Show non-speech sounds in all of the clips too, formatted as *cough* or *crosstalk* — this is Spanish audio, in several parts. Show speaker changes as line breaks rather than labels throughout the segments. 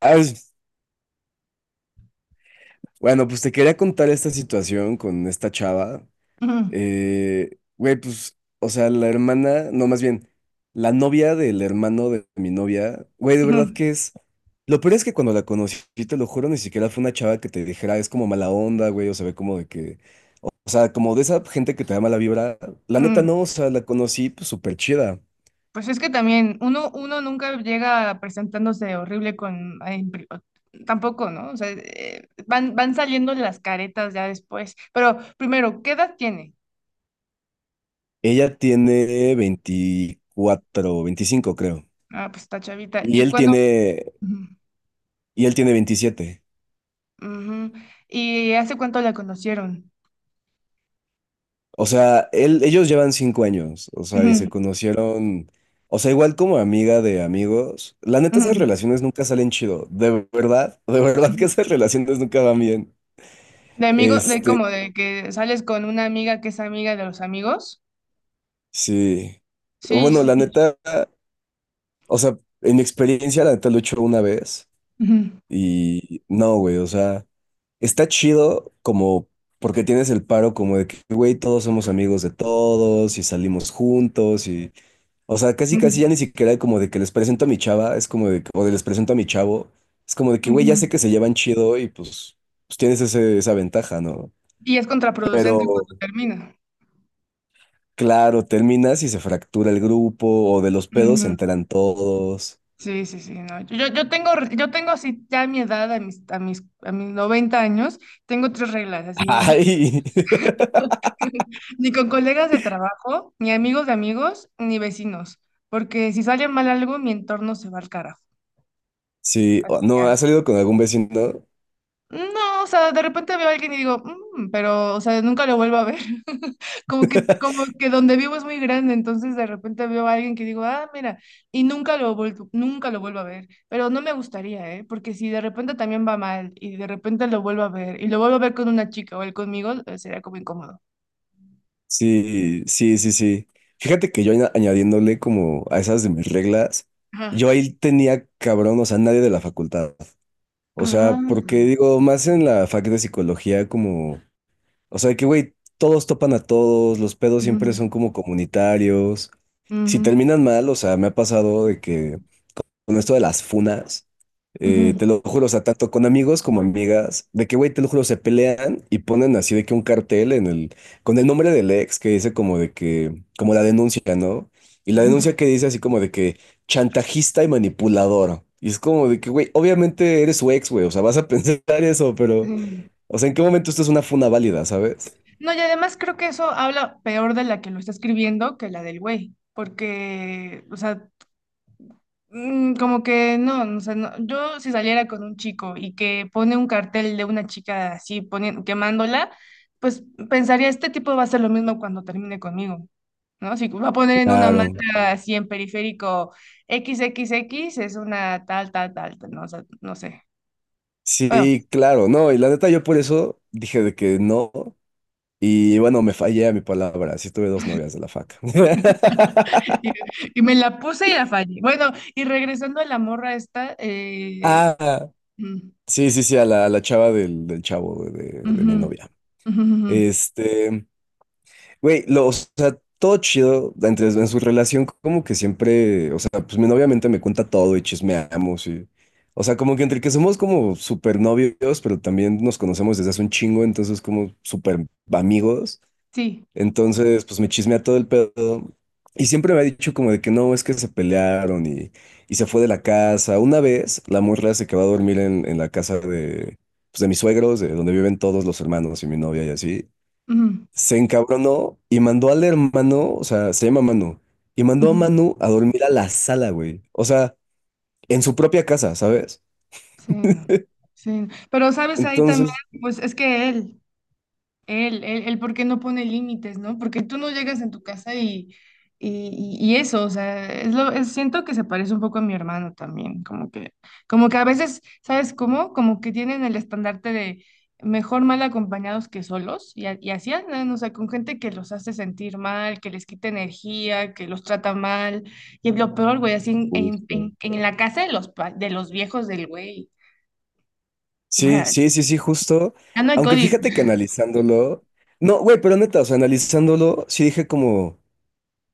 Ah, bueno, pues te quería contar esta situación con esta chava.
Ujú,
Güey, pues, o sea, la hermana, no, más bien, la novia del hermano de mi novia, güey, de verdad
ujú,
que es. Lo peor es que cuando la conocí, te lo juro, ni siquiera fue una chava que te dijera, es como mala onda, güey, o se ve como de que, o sea, como de esa gente que te da mala vibra. La neta
ujú.
no, o sea, la conocí, pues, súper chida.
Pues es que también uno nunca llega presentándose horrible con... ay, tampoco, ¿no? O sea, van saliendo las caretas ya después. Pero primero, ¿qué edad tiene?
Ella tiene 24, 25 creo.
Ah, pues está chavita.
Y
¿Y
él
cuándo?
tiene,
Ujú,
y él tiene 27.
ujú. ¿Y hace cuánto la conocieron?
O sea, ellos llevan 5 años, o sea, y se
Ujú,
conocieron, o sea, igual como amiga de amigos. La neta, esas
ujú,
relaciones nunca salen chido, de verdad
ujú.
que esas relaciones nunca van bien.
De amigo, de
Este,
como de que sales con una amiga que es amiga de los amigos.
sí.
Sí,
Bueno,
sí,
la
sí.
neta, o sea, en mi experiencia, la neta lo he hecho una vez
Ujú,
y no, güey, o sea, está chido como porque tienes el paro como de que, güey, todos somos amigos de todos y salimos juntos y... O sea, casi casi ya ni
ujú,
siquiera como de que les presento a mi chava, es como de que, o de les presento a mi chavo, es como de que, güey, ya sé
ujú.
que se llevan chido y pues, pues tienes esa ventaja, ¿no?
Y es contraproducente
Pero
cuando termina.
claro, terminas y se fractura el grupo, o de los pedos se enteran todos.
Sí, sí, sí, no. Yo tengo así ya a mi edad, a mis 90 años, tengo tres reglas, así,
Ay, *laughs*
*laughs* ni con colegas del trabajo, ni amigos de amigos, ni vecinos, porque si sale mal algo, mi entorno se va al carajo.
sí, o- no, ¿has salido con algún vecino?
No, o sea, de repente veo a alguien y digo, "Mm", pero, o sea, nunca lo vuelvo a ver. *laughs* Como que, como
*laughs*
que donde vivo es muy grande, entonces de repente veo a alguien que digo, ah, mira, y nunca lo vuelvo a ver. Pero no me gustaría, ¿eh? Porque si de repente también va mal y de repente lo vuelvo a ver y lo vuelvo a ver con una chica o él conmigo, sería como incómodo.
Sí, sí, sí, sí. Fíjate que yo añadiéndole como a esas de mis reglas,
Ajá.
yo ahí tenía cabrón, o sea, nadie de la facultad. O sea, porque
Ah.
digo, más en la fac de psicología, como, o sea, que güey, todos topan a todos, los pedos
Ujú,
siempre son como comunitarios. Si
ujú,
terminan mal, o sea, me ha pasado de que con esto de las funas,
ujú.
te lo juro, o sea, tanto con amigos como amigas, de que, güey, te lo juro, se pelean y ponen así de que un cartel en el, con el nombre del ex que dice como de que, como la denuncia, ¿no? Y la denuncia que
*laughs*
dice así como de que chantajista y manipulador. Y es como de que, güey, obviamente eres su ex, güey, o sea, vas a *laughs* pensar eso, pero,
Sí.
o sea, ¿en qué momento esto es una funa válida, ¿sabes?
No, y además creo que eso habla peor de la que lo está escribiendo que la del güey, porque, o sea, como que no, o sea, yo si saliera con un chico y que pone un cartel de una chica así poniendo, quemándola, pues pensaría, este tipo va a hacer lo mismo cuando termine conmigo, ¿no? Si va a poner en una
Claro.
manta así en periférico XXX, es una tal, tal, tal, tal, no, o sea, no sé. Bueno,
Sí, claro, no, y la neta yo por eso dije de que no. Y bueno, me fallé a mi palabra. Sí tuve dos novias de la fac.
*laughs*
*laughs*
y, y me la puse y la fallé. Bueno, y regresando a la morra esta,
Ah,
mm,
sí, sí, sí, a la chava del, del chavo de, de
ujú,
mi novia.
ujú, ujú,
Este, güey, lo, o sea, todo chido entre, en su relación, como que siempre, o sea, pues mi novia obviamente me cuenta todo y chismeamos y, o sea, como que entre que somos como súper novios, pero también nos conocemos desde hace un chingo, entonces como súper amigos.
sí.
Entonces, pues me chismea todo el pedo. Y siempre me ha dicho como de que no, es que se pelearon y se fue de la casa. Una vez la morra se quedó a dormir en la casa de, pues, de mis suegros, de donde viven todos los hermanos y mi novia y así.
Ujú,
Se encabronó y mandó al hermano, o sea, se llama Manu, y mandó a
ujú.
Manu a dormir a la sala, güey. O sea, en su propia casa, ¿sabes?
Sí, no, sí, no. Pero sabes ahí también,
Entonces...
pues es que él, ¿por qué no pone límites, no? Porque tú no llegas en tu casa y eso, o sea, siento que se parece un poco a mi hermano también, como que a veces, ¿sabes cómo? Como que tienen el estandarte de mejor mal acompañados que solos, y así andan, o sea, con gente que los hace sentir mal, que les quita energía, que los trata mal, y lo peor, güey, así en, en,
Justo.
en- en la casa de los viejos del güey.
Sí, sí,
*laughs*
sí, sí, justo.
Ya no hay
Aunque
código.
fíjate que analizándolo, no, güey, pero neta, o sea, analizándolo, sí dije como,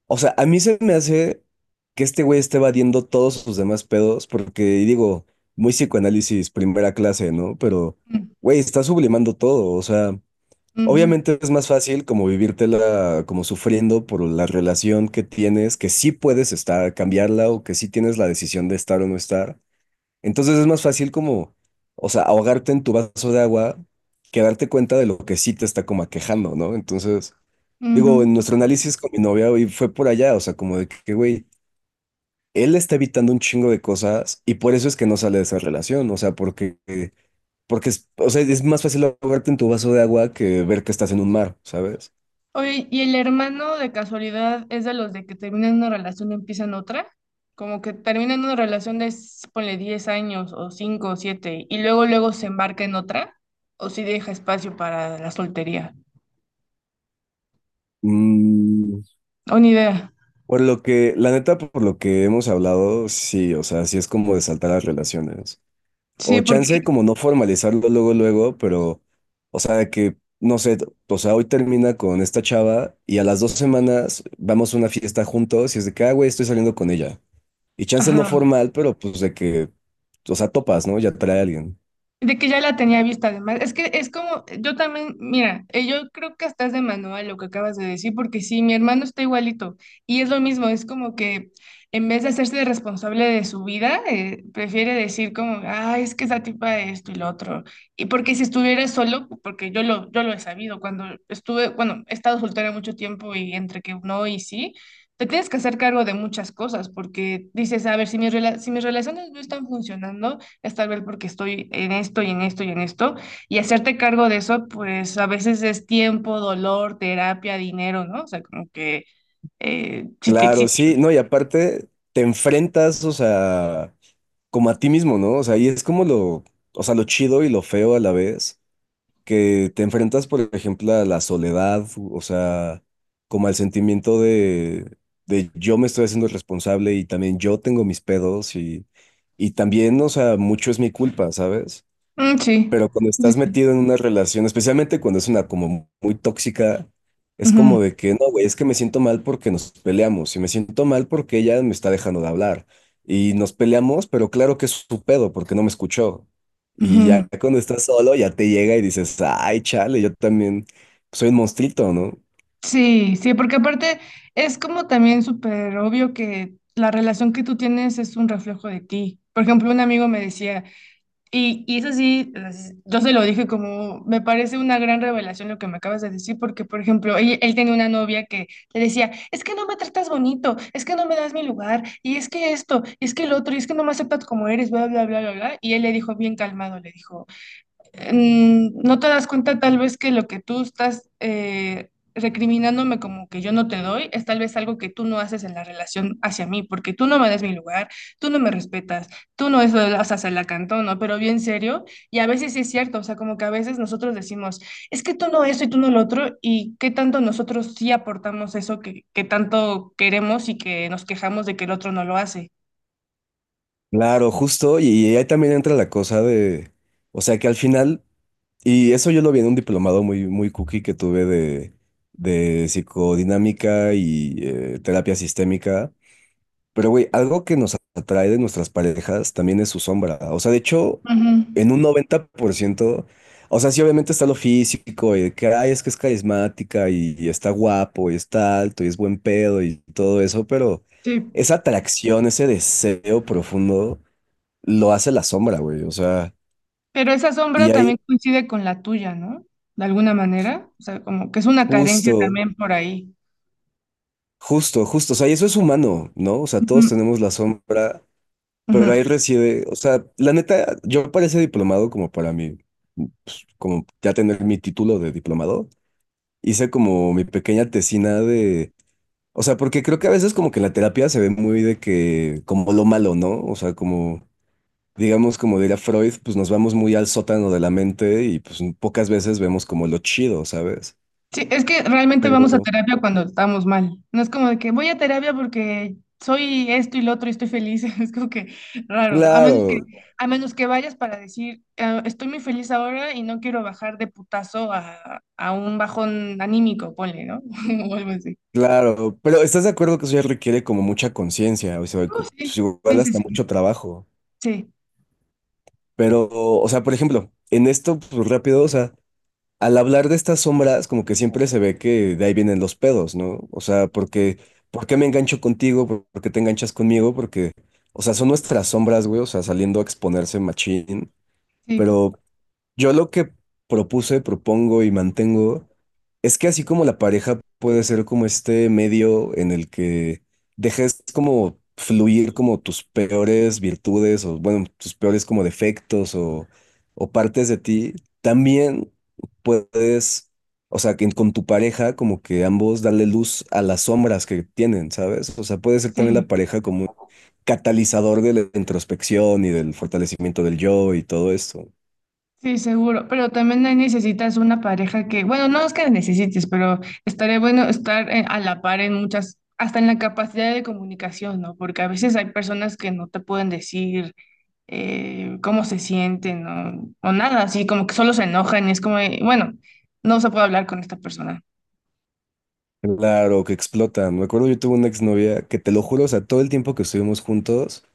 o sea, a mí se me hace que este güey esté evadiendo todos sus demás pedos, porque y digo, muy psicoanálisis, primera clase, ¿no? Pero, güey, está sublimando todo, o sea,
Ujú,
obviamente es más fácil como vivírtela, como sufriendo por la relación que tienes, que sí puedes estar, cambiarla o que sí tienes la decisión de estar o no estar. Entonces es más fácil como, o sea, ahogarte en tu vaso de agua que darte cuenta de lo que sí te está como aquejando, ¿no? Entonces, digo, en
ujú.
nuestro análisis con mi novia hoy fue por allá, o sea, como de que, güey, él está evitando un chingo de cosas y por eso es que no sale de esa relación, o sea, porque es, o sea, es más fácil ahogarte en tu vaso de agua que ver que estás en un mar, ¿sabes?
Oye, ¿y el hermano de casualidad es de los de que terminan una relación y empiezan otra? ¿Como que terminan una relación de, ponle, 10 años o 5 o 7 y luego luego se embarca en otra? ¿O si deja espacio para la soltería?
Mm,
O ni idea.
por lo que, la neta, por lo que hemos hablado, sí, o sea, sí es como de saltar las relaciones. O
Sí,
chance
porque...
como no formalizarlo luego, luego, pero, o sea, que, no sé, o sea, hoy termina con esta chava y a las 2 semanas vamos a una fiesta juntos y es de que, ah, güey, estoy saliendo con ella. Y chance no
Ajá.
formal, pero pues de que, o sea, topas, ¿no? Ya trae a alguien.
De que ya la tenía vista además. Es que es como, yo también, mira, yo creo que hasta es de manual lo que acabas de decir, porque sí, mi hermano está igualito y es lo mismo, es como que en vez de hacerse responsable de su vida, prefiere decir como, ah, es que esa tipa de esto y lo otro. Y porque si estuviera solo, porque yo lo he sabido, cuando estuve, bueno, he estado soltera mucho tiempo y entre que no y sí. Te tienes que hacer cargo de muchas cosas porque dices, a ver, si si mis relaciones no están funcionando, es tal vez porque estoy en esto y en esto y en esto, y hacerte cargo de eso, pues a veces es tiempo, dolor, terapia, dinero, ¿no? O sea, como que... Sí.
Claro, sí, no, y aparte te enfrentas, o sea, como a ti mismo, ¿no? O sea, y es como lo, o sea, lo chido y lo feo a la vez que te enfrentas, por ejemplo, a la soledad, o sea, como al sentimiento de yo me estoy haciendo responsable y también yo tengo mis pedos y también, o sea, mucho es mi culpa, ¿sabes?
Mm, sí,
Pero cuando
sí,
estás
sí.
metido en una relación, especialmente cuando es una como muy tóxica, es
Ujú,
como de que, no, güey, es que me siento mal porque nos peleamos y me siento mal porque ella me está dejando de hablar y nos peleamos, pero claro que es su pedo porque no me escuchó. Y
ujú.
ya cuando estás solo, ya te llega y dices, ay, chale, yo también soy un monstruito, ¿no?
Sí, sí, porque aparte es como también súper obvio que la relación que tú tienes es un reflejo de ti. Por ejemplo, un amigo me decía, Y eso sí, yo se lo dije como, me parece una gran revelación lo que me acabas de decir, porque, por ejemplo, él tenía una novia que le decía, es que no me tratas bonito, es que no me das mi lugar, y es que esto, y es que el otro, y es que no me aceptas como eres, bla, bla, bla, bla, bla. Y él le dijo bien calmado, le dijo, no te das cuenta tal vez que lo que tú estás recriminándome como que yo no te doy es tal vez algo que tú no haces en la relación hacia mí, porque tú no me das mi lugar, tú no me respetas, tú no eso, o sea, se la cantó, ¿no? Pero bien serio, y a veces sí es cierto, o sea, como que a veces nosotros decimos, es que tú no eso y tú no lo otro, y qué tanto nosotros sí aportamos eso que tanto queremos y que nos quejamos de que el otro no lo hace.
Claro, justo, y ahí también entra la cosa de, o sea que al final, y eso yo lo vi en un diplomado muy, muy cookie que tuve de psicodinámica y terapia sistémica, pero güey, algo que nos atrae de nuestras parejas también es su sombra, o sea, de hecho,
Ujú.
en un 90%, o sea, sí obviamente está lo físico, y de que, ay, es que es carismática, y está guapo, y está alto, y es buen pedo, y todo eso, pero
Sí.
esa atracción, ese deseo profundo lo hace la sombra, güey. O sea,
Pero esa
y
sombra
ahí
también coincide con la tuya, ¿no? De alguna manera. O sea, como que es una carencia
justo,
también por ahí.
justo, justo. O sea, y eso es humano, ¿no? O sea,
Ujú,
todos tenemos la sombra,
ujú.
pero ahí reside. O sea, la neta, yo para ese diplomado, como para mí, pues, como ya tener mi título de diplomado, hice como mi pequeña tesina de. O sea, porque creo que a veces como que la terapia se ve muy de que, como lo malo, ¿no? O sea, como, digamos, como diría Freud, pues nos vamos muy al sótano de la mente y pues pocas veces vemos como lo chido, ¿sabes?
Sí, es que realmente vamos a
Pero
terapia cuando estamos mal. No es como de que voy a terapia porque soy esto y lo otro y estoy feliz. *laughs* Es como que raro, ¿no? A menos que,
claro,
a menos que vayas para decir, "Ah, estoy muy feliz ahora y no quiero bajar de putazo a, un bajón anímico, ponle, ¿no?" *laughs* O algo así.
claro, pero ¿estás de acuerdo que eso ya requiere como mucha conciencia? O sea,
Oh,
cu-
sí,
pues
sí,
igual
sí,
hasta mucho
sí,
trabajo.
sí,
Pero, o sea, por ejemplo, en esto, pues rápido, o sea, al hablar de estas sombras, como que siempre se ve que de ahí vienen los pedos, ¿no? O sea, porque, ¿Por qué me engancho contigo? ¿Por qué te enganchas conmigo? Porque, o sea, son nuestras sombras, güey, o sea, saliendo a exponerse machín,
sí,
pero yo lo que propuse, propongo y mantengo es que así como la pareja puede ser como este medio en el que dejes como fluir como tus peores virtudes o bueno, tus peores como defectos o partes de ti, también puedes, o sea, que con tu pareja como que ambos darle luz a las sombras que tienen, ¿sabes? O sea, puede ser también
sí.
la pareja como un catalizador de la introspección y del fortalecimiento del yo y todo esto.
Sí, seguro, pero también ahí necesitas una pareja que, bueno, no es que necesites, pero estaría bueno estar a la par en muchas, hasta en la capacidad de comunicación, ¿no? Porque a veces hay personas que no te pueden decir cómo se sienten o nada, así como que solo se enojan y es como, de, bueno, no se puede hablar con esta persona.
Claro, que explotan. Me acuerdo, yo tuve una exnovia que te lo juro, o sea, todo el tiempo que estuvimos juntos,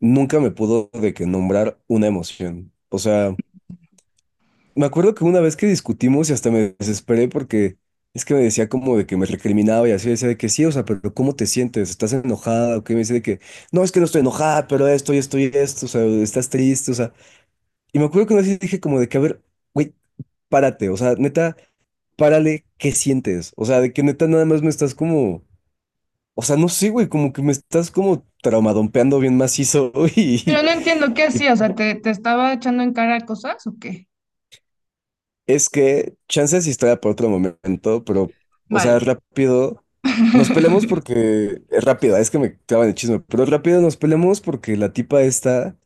nunca me pudo de que nombrar una emoción. O sea, me acuerdo que una vez que discutimos y hasta me desesperé porque es que me decía como de que me recriminaba y así, decía de que sí, o sea, pero ¿cómo te sientes? ¿Estás enojada? O que me decía de que no, es que no estoy enojada, pero esto y esto y esto, o sea, estás triste, o sea. Y me acuerdo que una vez dije como de que, a ver, güey, párate, o sea, neta, párale, ¿qué sientes? O sea, de que neta nada más me estás como o sea, no sé, güey, como que me estás como traumadompeando bien macizo *laughs*
Pero no entiendo qué
y
hacía, o sea, ¿te estaba echando en cara cosas o qué?
es que chances historia por otro momento, pero, o sea,
Vale.
rápido, nos peleamos porque, es rápida, es que me clavan el chisme, pero rápido nos peleamos porque la tipa esta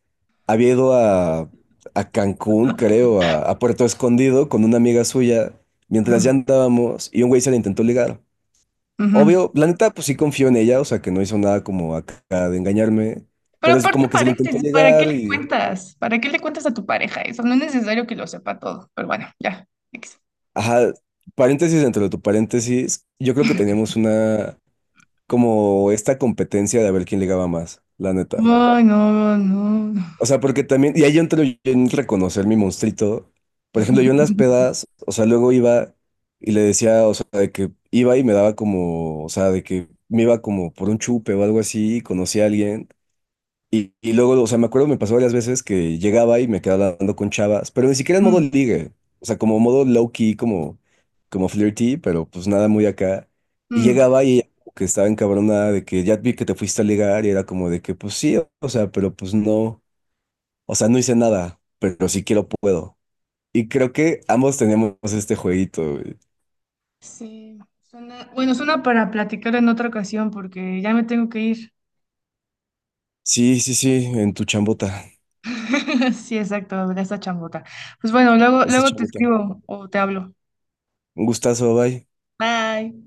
había ido a Cancún, creo, a Puerto Escondido con una amiga suya mientras ya
Ajá.
andábamos y un güey se la intentó ligar.
Ujú.
Obvio, la neta, pues sí confío en ella, o sea, que no hizo nada como acá de engañarme,
Pero
pero es
aparte,
como que se le intentó
paréntesis, ¿para qué
llegar
le
y,
cuentas? ¿Para qué le cuentas a tu pareja eso? No es necesario que lo sepa todo, pero bueno, ya. X.
ajá, paréntesis dentro de tu paréntesis, yo creo que teníamos una, como esta competencia de a ver quién ligaba más, la neta.
Ay, no, no.
O sea, porque también, y ahí entro yo en reconocer mi monstruito. Por ejemplo, yo en las
*laughs*
pedas, o sea, luego iba y le decía, o sea, de que iba y me daba como, o sea, de que me iba como por un chupe o algo así, y conocí a alguien. Y luego, o sea, me acuerdo, me pasó varias veces que llegaba y me quedaba hablando con chavas, pero ni siquiera en modo
Mm,
ligue, o sea, como modo low key, como, como flirty, pero pues nada muy acá. Y
mm.
llegaba y ella como que estaba encabronada de que ya vi que te fuiste a ligar y era como de que pues sí, o sea, pero pues no, o sea, no hice nada, pero si quiero puedo. Y creo que ambos teníamos este jueguito, güey.
Sí, bueno, suena para platicar en otra ocasión porque ya me tengo que ir.
Sí, sí, sí, en tu chambota,
*laughs* Sí, exacto, de esta chambota. Pues bueno, luego,
esa
luego te
chambota.
escribo o te hablo.
Un gustazo, bye.
Bye.